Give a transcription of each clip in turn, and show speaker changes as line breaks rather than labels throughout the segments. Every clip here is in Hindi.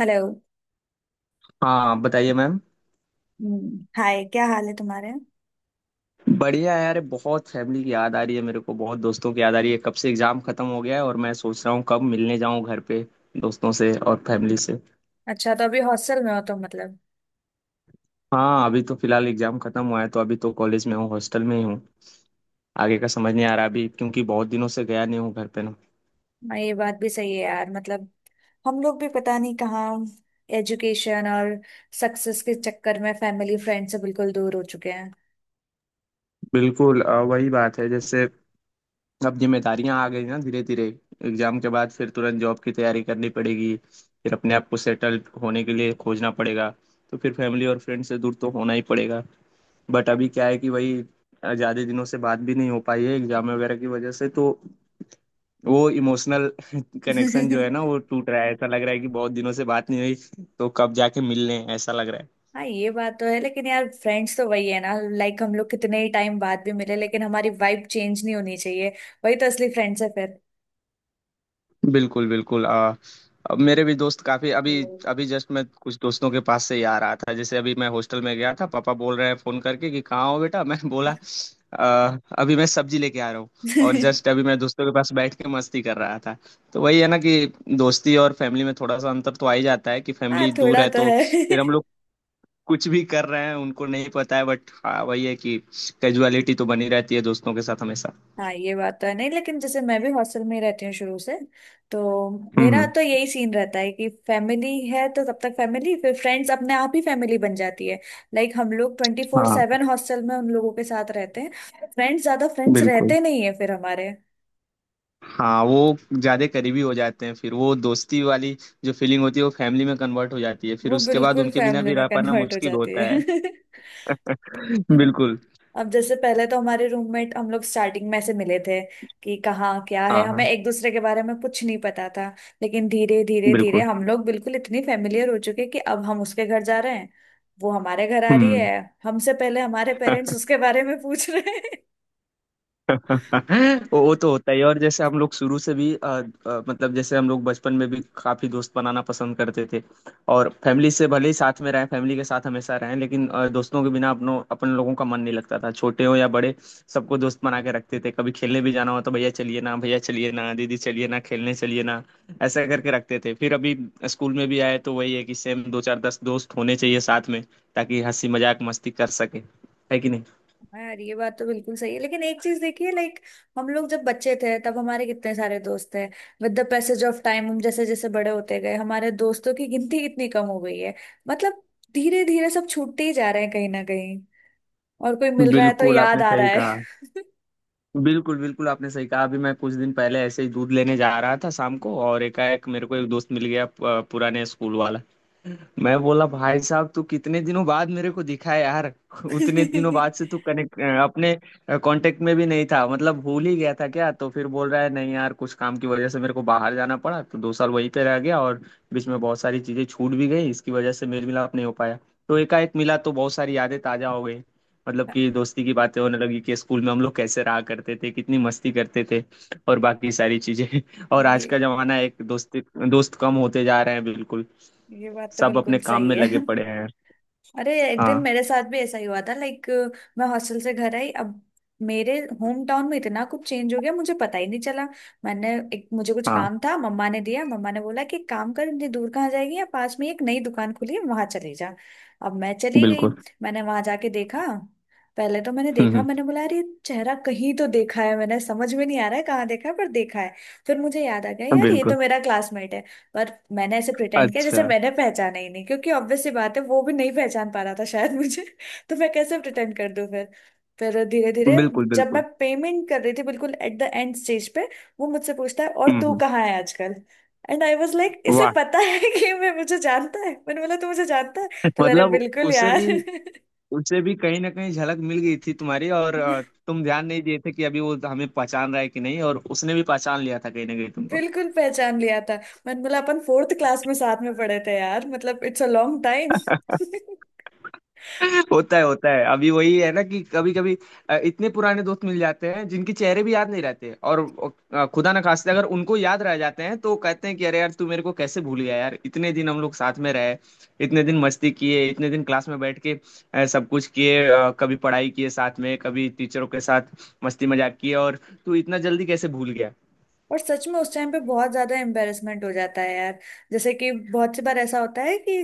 हेलो।
हाँ बताइए मैम।
हाय क्या हाल है तुम्हारे।
बढ़िया है यार। बहुत फैमिली की याद आ रही है मेरे को, बहुत दोस्तों की याद आ रही है। कब से एग्जाम खत्म हो गया है और मैं सोच रहा हूँ कब मिलने जाऊँ घर पे, दोस्तों से और फैमिली से।
अच्छा तो अभी हॉस्टल में हो तुम मतलब।
हाँ, अभी तो फिलहाल एग्जाम खत्म हुआ है तो अभी तो कॉलेज में हूँ, हॉस्टल में ही हूँ। आगे का समझ नहीं आ रहा अभी, क्योंकि बहुत दिनों से गया नहीं हूँ घर पे ना।
हाँ, ये बात भी सही है यार मतलब हम लोग भी पता नहीं कहाँ एजुकेशन और सक्सेस के चक्कर में फैमिली फ्रेंड से बिल्कुल दूर हो चुके हैं।
बिल्कुल, वही बात है। जैसे अब जिम्मेदारियां आ गई ना धीरे धीरे। एग्जाम के बाद फिर तुरंत जॉब की तैयारी करनी पड़ेगी, फिर अपने आप को सेटल होने के लिए खोजना पड़ेगा, तो फिर फैमिली और फ्रेंड से दूर तो होना ही पड़ेगा। बट अभी क्या है कि वही, ज्यादा दिनों से बात भी नहीं हो पाई है एग्जाम वगैरह की वजह से, तो वो इमोशनल कनेक्शन जो है ना वो टूट रहा है, ऐसा लग रहा है कि बहुत दिनों से बात नहीं हुई, तो कब जाके मिलने ऐसा लग रहा है।
हाँ ये बात तो है लेकिन यार फ्रेंड्स तो वही है ना, लाइक हम लोग कितने ही टाइम बाद भी मिले लेकिन हमारी वाइब चेंज नहीं होनी चाहिए। वही तो असली फ्रेंड्स है फिर।
बिल्कुल बिल्कुल। अब मेरे भी दोस्त काफी अभी,
हम्म।
अभी जस्ट मैं कुछ दोस्तों के पास से ही आ रहा था। जैसे अभी मैं हॉस्टल में गया था, पापा बोल रहे हैं फोन करके कि कहाँ हो बेटा। मैं बोला, अभी मैं सब्जी लेके आ रहा हूँ। और जस्ट अभी मैं दोस्तों के पास बैठ के मस्ती कर रहा था। तो वही है ना कि दोस्ती और फैमिली में थोड़ा सा अंतर तो आ ही जाता है कि
हाँ
फैमिली दूर
थोड़ा
है
तो
तो
है।
फिर हम लोग कुछ भी कर रहे हैं उनको नहीं पता है। बट हाँ, वही है कि कैजुअलिटी तो बनी रहती है दोस्तों के साथ हमेशा।
हाँ ये बात तो है नहीं लेकिन जैसे मैं भी हॉस्टल में ही रहती हूँ शुरू से, तो
हम्म
मेरा
हम्म।
तो यही सीन रहता है कि फैमिली है तो तब तक फैमिली फिर फ्रेंड्स अपने आप ही फैमिली बन जाती है। लाइक हम लोग ट्वेंटी फोर
हाँ,
सेवन हॉस्टल में उन लोगों के साथ रहते हैं। फ्रेंड्स ज्यादा फ्रेंड्स
बिल्कुल।
रहते नहीं है फिर हमारे।
हाँ, वो ज्यादा करीबी हो जाते हैं फिर। वो दोस्ती वाली जो फीलिंग होती है वो फैमिली में कन्वर्ट हो जाती है, फिर
वो
उसके बाद
बिल्कुल
उनके बिना
फैमिली
भी
में
रह पाना
कन्वर्ट हो
मुश्किल
जाती
होता है।
है।
बिल्कुल।
अब जैसे पहले तो हमारे रूममेट हम लोग स्टार्टिंग में ऐसे मिले थे कि कहाँ क्या है,
हाँ
हमें
हाँ।
एक दूसरे के बारे में कुछ नहीं पता था। लेकिन धीरे धीरे धीरे
बिल्कुल।
हम लोग बिल्कुल इतनी फेमिलियर हो चुके कि अब हम उसके घर जा रहे हैं। वो हमारे घर आ रही
हम्म।
है, हमसे पहले हमारे पेरेंट्स उसके बारे में पूछ रहे हैं।
वो तो होता ही है। और जैसे हम लोग शुरू से भी मतलब जैसे हम लोग बचपन में भी काफी दोस्त बनाना पसंद करते थे। और फैमिली से भले ही साथ में रहें, फैमिली के साथ हमेशा रहें, लेकिन दोस्तों के बिना अपन लोगों का मन नहीं लगता था। छोटे हो या बड़े, सबको दोस्त बना के रखते थे। कभी खेलने भी जाना हो तो भैया चलिए ना, भैया चलिए ना, दीदी चलिए ना, खेलने चलिए ना, ऐसा करके रखते थे। फिर अभी स्कूल में भी आए तो वही है कि सेम दो चार दस दोस्त होने चाहिए साथ में, ताकि हंसी मजाक मस्ती कर सके, है कि नहीं।
हाँ यार ये बात तो बिल्कुल सही है लेकिन एक चीज देखिए, लाइक हम लोग जब बच्चे थे तब हमारे कितने सारे दोस्त थे। With the passage of time हम जैसे जैसे बड़े होते गए हमारे दोस्तों की गिनती कितनी कम हो गई है। मतलब धीरे धीरे सब छूटते ही जा रहे हैं कहीं ना कहीं। और कोई मिल रहा है तो
बिल्कुल
याद
आपने
आ रहा
सही,
है।
बिल्कुल बिल्कुल आपने सही कहा। अभी मैं कुछ दिन पहले ऐसे ही दूध लेने जा रहा था शाम को, और एकाएक मेरे को एक दोस्त मिल गया, पुराने स्कूल वाला। मैं बोला, भाई साहब तू कितने दिनों बाद मेरे को दिखा है यार। उतने दिनों बाद से तू कनेक्ट, अपने कांटेक्ट में भी नहीं था, मतलब भूल ही गया था क्या? तो फिर बोल रहा है, नहीं यार कुछ काम की वजह से मेरे को बाहर जाना पड़ा तो 2 साल वहीं पे रह गया, और बीच में बहुत सारी चीजें छूट भी गई, इसकी वजह से मेल मिलाप नहीं हो पाया। तो एकाएक मिला तो बहुत सारी यादें ताजा हो गई। मतलब कि दोस्ती की बातें होने लगी कि स्कूल में हम लोग कैसे रहा करते थे, कितनी मस्ती करते थे, और बाकी सारी चीजें। और आज
ये
का जमाना है, एक दोस्ती, दोस्त कम होते जा रहे हैं बिल्कुल।
ये बात तो
सब अपने
बिल्कुल
काम
सही
में लगे
है।
पड़े हैं।
अरे एक दिन
हाँ।
मेरे साथ भी ऐसा ही हुआ था लाइक, मैं हॉस्टल से घर आई। अब मेरे होम टाउन में इतना कुछ चेंज हो गया मुझे पता ही नहीं चला। मैंने एक मुझे कुछ
हाँ,
काम था, मम्मा ने दिया। मम्मा ने बोला कि एक काम कर, इतनी दूर कहाँ जाएगी, या पास में ही एक नई दुकान खुली है वहां चली जा। अब मैं चली गई,
बिल्कुल।
मैंने वहां जाके देखा। पहले तो मैंने देखा,
हम्म।
मैंने बोला अरे ये चेहरा कहीं तो देखा है, मैंने समझ में नहीं आ रहा है कहाँ देखा है पर देखा है। फिर मुझे याद आ गया यार ये तो
बिल्कुल।
मेरा क्लासमेट है। पर मैंने ऐसे प्रिटेंड किया जैसे
अच्छा।
मैंने पहचाना ही नहीं, क्योंकि ऑब्वियस सी बात है वो भी नहीं पहचान पा रहा था शायद मुझे। तो मैं कैसे प्रिटेंड कर दूं फिर। फिर धीरे धीरे
बिल्कुल
जब मैं
बिल्कुल।
पेमेंट कर रही थी बिल्कुल एट द एंड स्टेज पे, वो मुझसे पूछता है और तू
हम्म।
कहाँ है आजकल। एंड आई वॉज लाइक, इसे
वाह।
पता है कि मैं मुझे जानता है। मैंने बोला तू मुझे जानता है। तो बोला, अरे
मतलब
बिल्कुल
उसे
यार।
भी, उसे भी कहीं ना कहीं झलक मिल गई थी तुम्हारी, और तुम ध्यान नहीं दिए थे कि अभी वो हमें पहचान रहा है कि नहीं, और उसने भी पहचान लिया था कहीं ना कहीं तुमको।
बिल्कुल पहचान लिया था। मैंने बोला अपन फोर्थ क्लास में साथ में पढ़े थे यार, मतलब इट्स अ लॉन्ग टाइम।
होता है होता है। अभी वही है ना कि कभी कभी इतने पुराने दोस्त मिल जाते हैं जिनके चेहरे भी याद नहीं रहते, और खुदा ना खास्ते अगर उनको याद रह जाते हैं तो कहते हैं कि अरे यार तू मेरे को कैसे भूल गया यार, इतने दिन हम लोग साथ में रहे, इतने दिन मस्ती किए, इतने दिन क्लास में बैठ के सब कुछ किए, कभी पढ़ाई किए साथ में, कभी टीचरों के साथ मस्ती मजाक किए, और तू इतना जल्दी कैसे भूल गया।
और सच में उस टाइम पे बहुत ज्यादा एम्बेरसमेंट हो जाता है यार। जैसे कि बहुत सी बार ऐसा होता है कि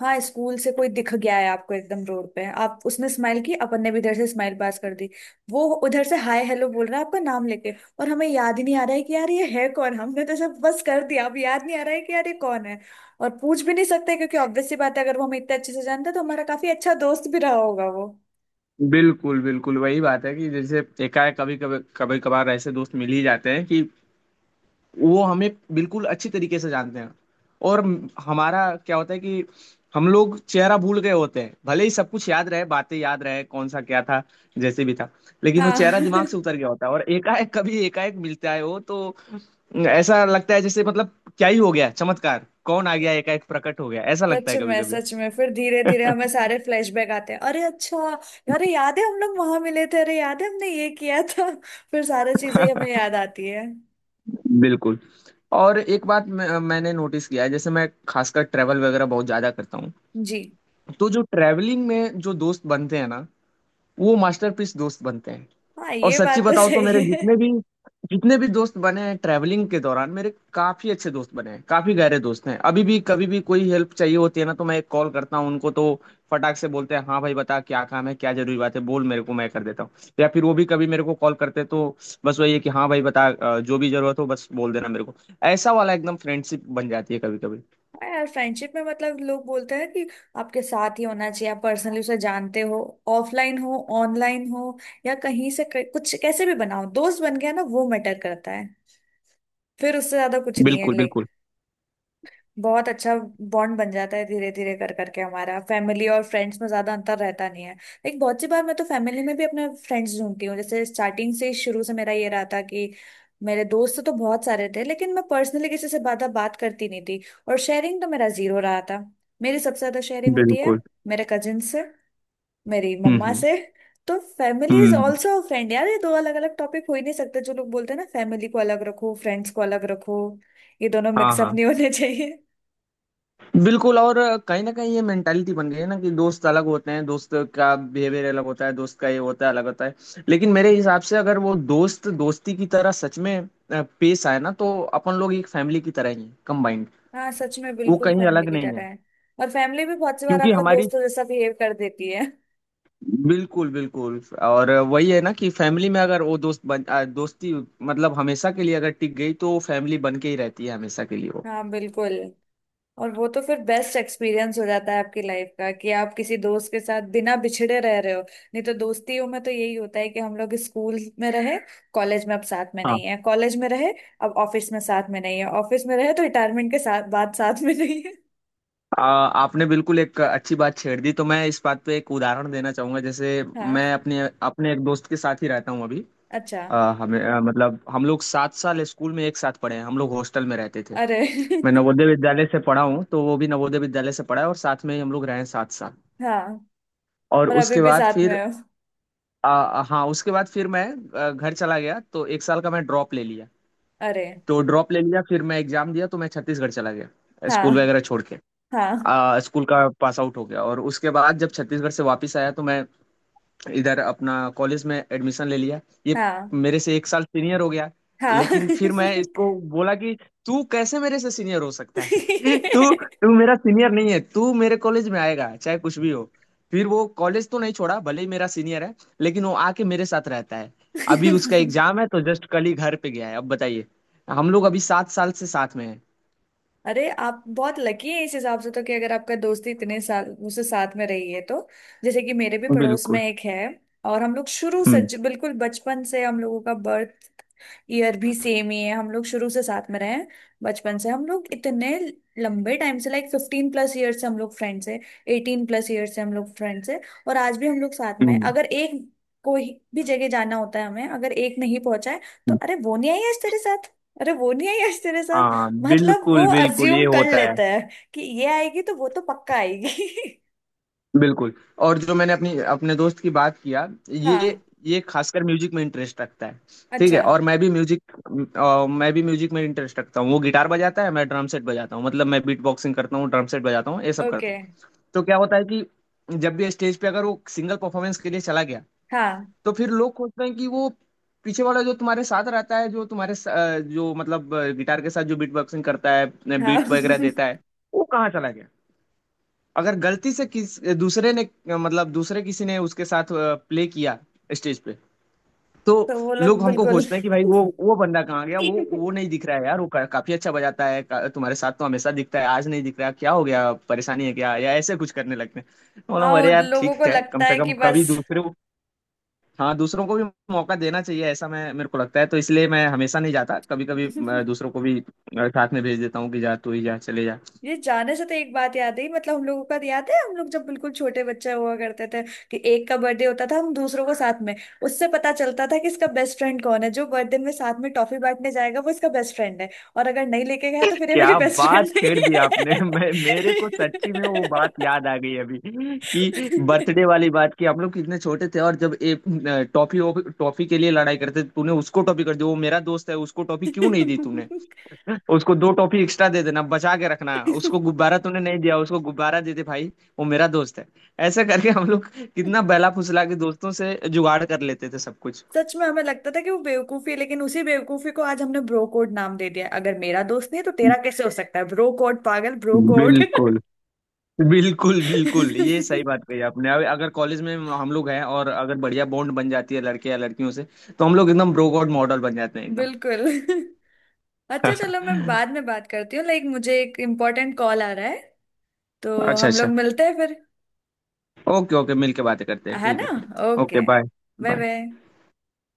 हाँ स्कूल से कोई दिख गया है आपको एकदम रोड पे, आप, उसने स्माइल की अपन ने भी इधर से स्माइल पास कर दी, वो उधर से हाय हेलो बोल रहा है आपका नाम लेके और हमें याद ही नहीं आ रहा है कि यार ये है कौन। हमने तो सब बस कर दिया, अब याद नहीं आ रहा है कि यार ये कौन है। और पूछ भी नहीं सकते क्योंकि ऑब्वियस सी बात है, अगर वो हमें इतने अच्छे से जानता तो हमारा काफी अच्छा दोस्त भी रहा होगा वो।
बिल्कुल बिल्कुल वही बात है कि जैसे एकाएक कभी कभी, कभी कभार ऐसे दोस्त मिल ही जाते हैं कि वो हमें बिल्कुल अच्छी तरीके से जानते हैं, और हमारा क्या होता है कि हम लोग चेहरा भूल गए होते हैं, भले ही सब कुछ याद रहे, बातें याद रहे, कौन सा क्या था जैसे भी था, लेकिन वो चेहरा
हाँ।
दिमाग से उतर गया होता है। और एकाएक कभी एकाएक मिलता है वो, तो ऐसा लगता है जैसे, मतलब क्या ही हो गया, चमत्कार कौन आ गया, एकाएक प्रकट हो गया, ऐसा लगता है कभी कभी।
सच में फिर धीरे धीरे हमें सारे फ्लैशबैक आते हैं, अरे अच्छा, अरे याद है हम लोग वहां मिले थे, अरे याद है हमने ये किया था। फिर सारी चीजें हमें याद आती है।
बिल्कुल। और एक बात मैंने नोटिस किया है, जैसे मैं खासकर ट्रैवल वगैरह बहुत ज्यादा करता हूँ,
जी।
तो जो ट्रैवलिंग में जो दोस्त बनते हैं ना वो मास्टरपीस दोस्त बनते हैं।
हाँ
और
ये
सच्ची
बात तो
बताओ तो मेरे
सही है।
जितने भी दोस्त बने हैं ट्रैवलिंग के दौरान, मेरे काफी अच्छे दोस्त बने हैं, काफी गहरे दोस्त हैं। अभी भी कभी भी कोई हेल्प चाहिए होती है ना तो मैं एक कॉल करता हूँ उनको, तो फटाक से बोलते हैं हाँ भाई बता क्या काम है, क्या जरूरी बात है बोल मेरे को, मैं कर देता हूँ। या फिर वो भी कभी मेरे को कॉल करते हैं, तो बस वही है कि हाँ भाई बता, जो भी जरूरत हो बस बोल देना मेरे को। ऐसा वाला एकदम फ्रेंडशिप बन जाती है कभी कभी।
हाँ यार फ्रेंडशिप में, मतलब लोग बोलते हैं कि आपके साथ ही होना चाहिए आप पर्सनली उसे जानते हो, ऑफलाइन हो ऑनलाइन हो या कहीं से कुछ, कैसे भी बनाओ दोस्त बन गया ना वो मैटर करता है। फिर उससे ज्यादा कुछ नहीं है,
बिल्कुल
like
बिल्कुल।
बहुत अच्छा बॉन्ड बन जाता है धीरे धीरे कर करके, हमारा फैमिली और फ्रेंड्स में ज्यादा अंतर रहता नहीं है। लेकिन बहुत सी बार मैं तो फैमिली में भी अपने फ्रेंड्स ढूंढती हूँ, जैसे स्टार्टिंग से शुरू से मेरा ये रहा था कि मेरे दोस्त तो बहुत सारे थे लेकिन मैं पर्सनली किसी से ज्यादा बात करती नहीं थी। और शेयरिंग तो मेरा जीरो रहा था। मेरी सबसे ज्यादा शेयरिंग होती है
बिल्कुल।
मेरे कजिन से, मेरी मम्मा
हम्म।
से। तो family is
hmm.
Also friend यार, ये दो अलग अलग टॉपिक हो ही नहीं सकते। जो लोग बोलते हैं ना फैमिली को अलग रखो फ्रेंड्स को अलग रखो, ये दोनों
हाँ
मिक्सअप
हाँ।
नहीं होने चाहिए।
बिल्कुल। और कहीं ना कहीं ये मेंटालिटी बन गई है ना कि दोस्त अलग होते हैं, दोस्त का बिहेवियर अलग होता है, दोस्त का ये होता है, अलग होता है। लेकिन मेरे हिसाब से अगर वो दोस्त दोस्ती की तरह सच में पेश आए ना तो अपन लोग एक फैमिली की तरह ही हैं, कंबाइंड,
हाँ सच में
वो
बिल्कुल
कहीं
फैमिली
अलग
की
नहीं
तरह
है।
है। और फैमिली भी बहुत सी बार
क्योंकि
आपका
हमारी,
दोस्तों जैसा बिहेव कर देती है।
बिल्कुल बिल्कुल। और वही है ना कि फैमिली में अगर वो दोस्त बन दोस्ती, मतलब हमेशा के लिए अगर टिक गई तो फैमिली बन के ही रहती है हमेशा के लिए वो।
हाँ बिल्कुल। और वो तो फिर बेस्ट एक्सपीरियंस हो जाता है आपकी लाइफ का, कि आप किसी दोस्त के साथ बिना बिछड़े रह रहे हो, नहीं तो दोस्तियों में तो यही होता है कि हम लोग स्कूल में रहे कॉलेज में अब साथ में नहीं है, कॉलेज में रहे अब ऑफिस में साथ में नहीं है, ऑफिस में रहे तो रिटायरमेंट के साथ बाद साथ में नहीं है।
आपने बिल्कुल एक अच्छी बात छेड़ दी। तो मैं इस बात पे एक उदाहरण देना चाहूंगा। जैसे मैं
हाँ।
अपने अपने एक दोस्त के साथ ही रहता हूँ अभी।
अच्छा।
हमें, मतलब हम लोग 7 साल स्कूल में एक साथ पढ़े हैं, हम लोग हॉस्टल में रहते थे।
अरे।
मैं नवोदय विद्यालय से पढ़ा हूँ तो वो भी नवोदय विद्यालय से पढ़ा है, और साथ में ही हम लोग रहे हैं 7 साल।
हाँ।
और
और अभी
उसके
भी
बाद
साथ में
फिर
हो।
हाँ उसके बाद फिर मैं घर चला गया तो 1 साल का मैं ड्रॉप ले लिया।
अरे
तो ड्रॉप ले लिया, फिर मैं एग्जाम दिया तो मैं छत्तीसगढ़ चला गया स्कूल
हाँ
वगैरह छोड़ के।
हाँ
स्कूल का पास आउट हो गया, और उसके बाद जब छत्तीसगढ़ से वापस आया तो मैं इधर अपना कॉलेज में एडमिशन ले लिया। ये
हाँ
मेरे से 1 साल सीनियर हो गया।
हाँ।
लेकिन फिर मैं इसको बोला कि तू कैसे मेरे से सीनियर हो सकता है। तू तू मेरा सीनियर नहीं है, तू मेरे कॉलेज में आएगा चाहे कुछ भी हो। फिर वो कॉलेज तो नहीं छोड़ा, भले ही मेरा सीनियर है, लेकिन वो आके मेरे साथ रहता है। अभी उसका एग्जाम है तो जस्ट कल ही घर पे गया है। अब बताइए, हम लोग अभी 7 साल से साथ में हैं।
अरे आप बहुत लकी हैं इस हिसाब से तो, कि अगर आपका दोस्ती इतने साल मुझसे साथ में रही है तो। जैसे कि मेरे भी पड़ोस में
बिल्कुल।
एक है। और हम लोग शुरू से
हम्म
बिल्कुल बचपन से, हम लोगों का बर्थ ईयर भी सेम ही है, हम लोग शुरू से साथ में रहे हैं। बचपन से हम लोग इतने लंबे टाइम से, लाइक 15+ ईयर से हम लोग फ्रेंड्स हैं। 18+ ईयर से हम लोग फ्रेंड्स हैं। और आज भी हम लोग साथ में हैं।
हम्म।
अगर एक कोई भी जगह जाना होता है हमें, अगर एक नहीं पहुंचा है तो, अरे वो नहीं आई आज तेरे साथ, अरे वो नहीं आई आज तेरे साथ।
हाँ
मतलब वो
बिल्कुल बिल्कुल ये
अज्यूम कर
होता है।
लेता है कि ये आएगी तो वो तो पक्का आएगी।
बिल्कुल। और जो मैंने अपनी अपने दोस्त की बात किया, ये
हाँ।
ये खासकर म्यूजिक में इंटरेस्ट रखता है। ठीक
अच्छा।
है, और मैं भी म्यूजिक में इंटरेस्ट रखता हूँ। वो गिटार बजाता है, मैं ड्रम सेट बजाता हूँ, मतलब मैं बीट बॉक्सिंग करता हूँ, ड्रम सेट बजाता हूँ, ये सब करता
ओके।
हूँ। तो क्या होता है कि जब भी स्टेज पे अगर वो सिंगल परफॉर्मेंस के लिए चला गया,
हाँ
तो फिर लोग सोचते हैं कि वो पीछे वाला जो तुम्हारे साथ रहता है, जो तुम्हारे जो मतलब गिटार के साथ जो बीट बॉक्सिंग करता है,
हाँ।
बीट वगैरह देता है, वो कहाँ चला गया। अगर गलती से किस दूसरे ने, मतलब दूसरे किसी ने उसके साथ प्ले किया स्टेज पे, तो
तो वो लोग
लोग हमको
बिल्कुल।
खोजते हैं कि भाई वो बंदा कहाँ गया, वो नहीं दिख रहा है यार, काफी अच्छा बजाता है, तुम्हारे साथ तो हमेशा दिखता है, आज नहीं दिख रहा, क्या हो गया, परेशानी है क्या, या ऐसे कुछ करने लगते हैं। तो बोला
हाँ,
हूँ, अरे
उन
यार
लोगों को
ठीक है, कम
लगता
से
है
कम
कि
कभी
बस।
दूसरे को, हाँ दूसरों को भी मौका देना चाहिए ऐसा मैं, मेरे को लगता है। तो इसलिए मैं हमेशा नहीं जाता, कभी कभी दूसरों को भी साथ में भेज देता हूँ कि जा तू ही जा, चले जा।
ये जाने से तो एक बात याद आई, मतलब हम लोगों का तो याद है, हम लोग जब बिल्कुल छोटे बच्चे हुआ करते थे कि एक का बर्थडे होता था हम दूसरों को साथ में, उससे पता चलता था कि इसका बेस्ट फ्रेंड कौन है, जो बर्थडे में साथ में टॉफी बांटने जाएगा वो इसका बेस्ट फ्रेंड है। और अगर नहीं लेके गया तो फिर ये मेरी
क्या
बेस्ट
बात
फ्रेंड
छेड़ दी आपने,
नहीं
मैं मेरे को सच्ची में वो बात याद आ गई अभी कि बर्थडे वाली बात, कि हम लोग कितने छोटे थे और जब एक टॉफी टॉफी के लिए लड़ाई करते थे, तूने उसको टॉफी कर दी, वो मेरा दोस्त है उसको टॉफी क्यों नहीं दी तूने, उसको दो टॉफी एक्स्ट्रा दे देना बचा के रखना,
है।
उसको गुब्बारा तूने नहीं दिया उसको गुब्बारा दे दे भाई, वो मेरा दोस्त है। ऐसा करके हम लोग कितना बहला फुसला के दोस्तों से जुगाड़ कर लेते थे सब कुछ।
सच में हमें लगता था कि वो बेवकूफी है, लेकिन उसी बेवकूफी को आज हमने ब्रो कोड नाम दे दिया है। अगर मेरा दोस्त नहीं है, तो तेरा कैसे हो सकता है, ब्रो कोड, पागल ब्रो कोड।
बिल्कुल बिल्कुल। बिल्कुल, ये सही बात कही आपने। अब अगर कॉलेज में हम लोग हैं और अगर बढ़िया बॉन्ड बन जाती है लड़के या लड़कियों से, तो हम लोग एकदम ब्रो गॉड मॉडल बन जाते हैं एकदम।
बिल्कुल। अच्छा चलो मैं बाद में बात करती हूँ, लाइक मुझे एक इम्पोर्टेंट कॉल आ रहा है। तो
अच्छा
हम लोग
अच्छा।
मिलते हैं फिर,
ओके ओके, मिल के बातें करते हैं,
है
ठीक
ना।
है फिर। Okay
okay bye
bye.
Bye.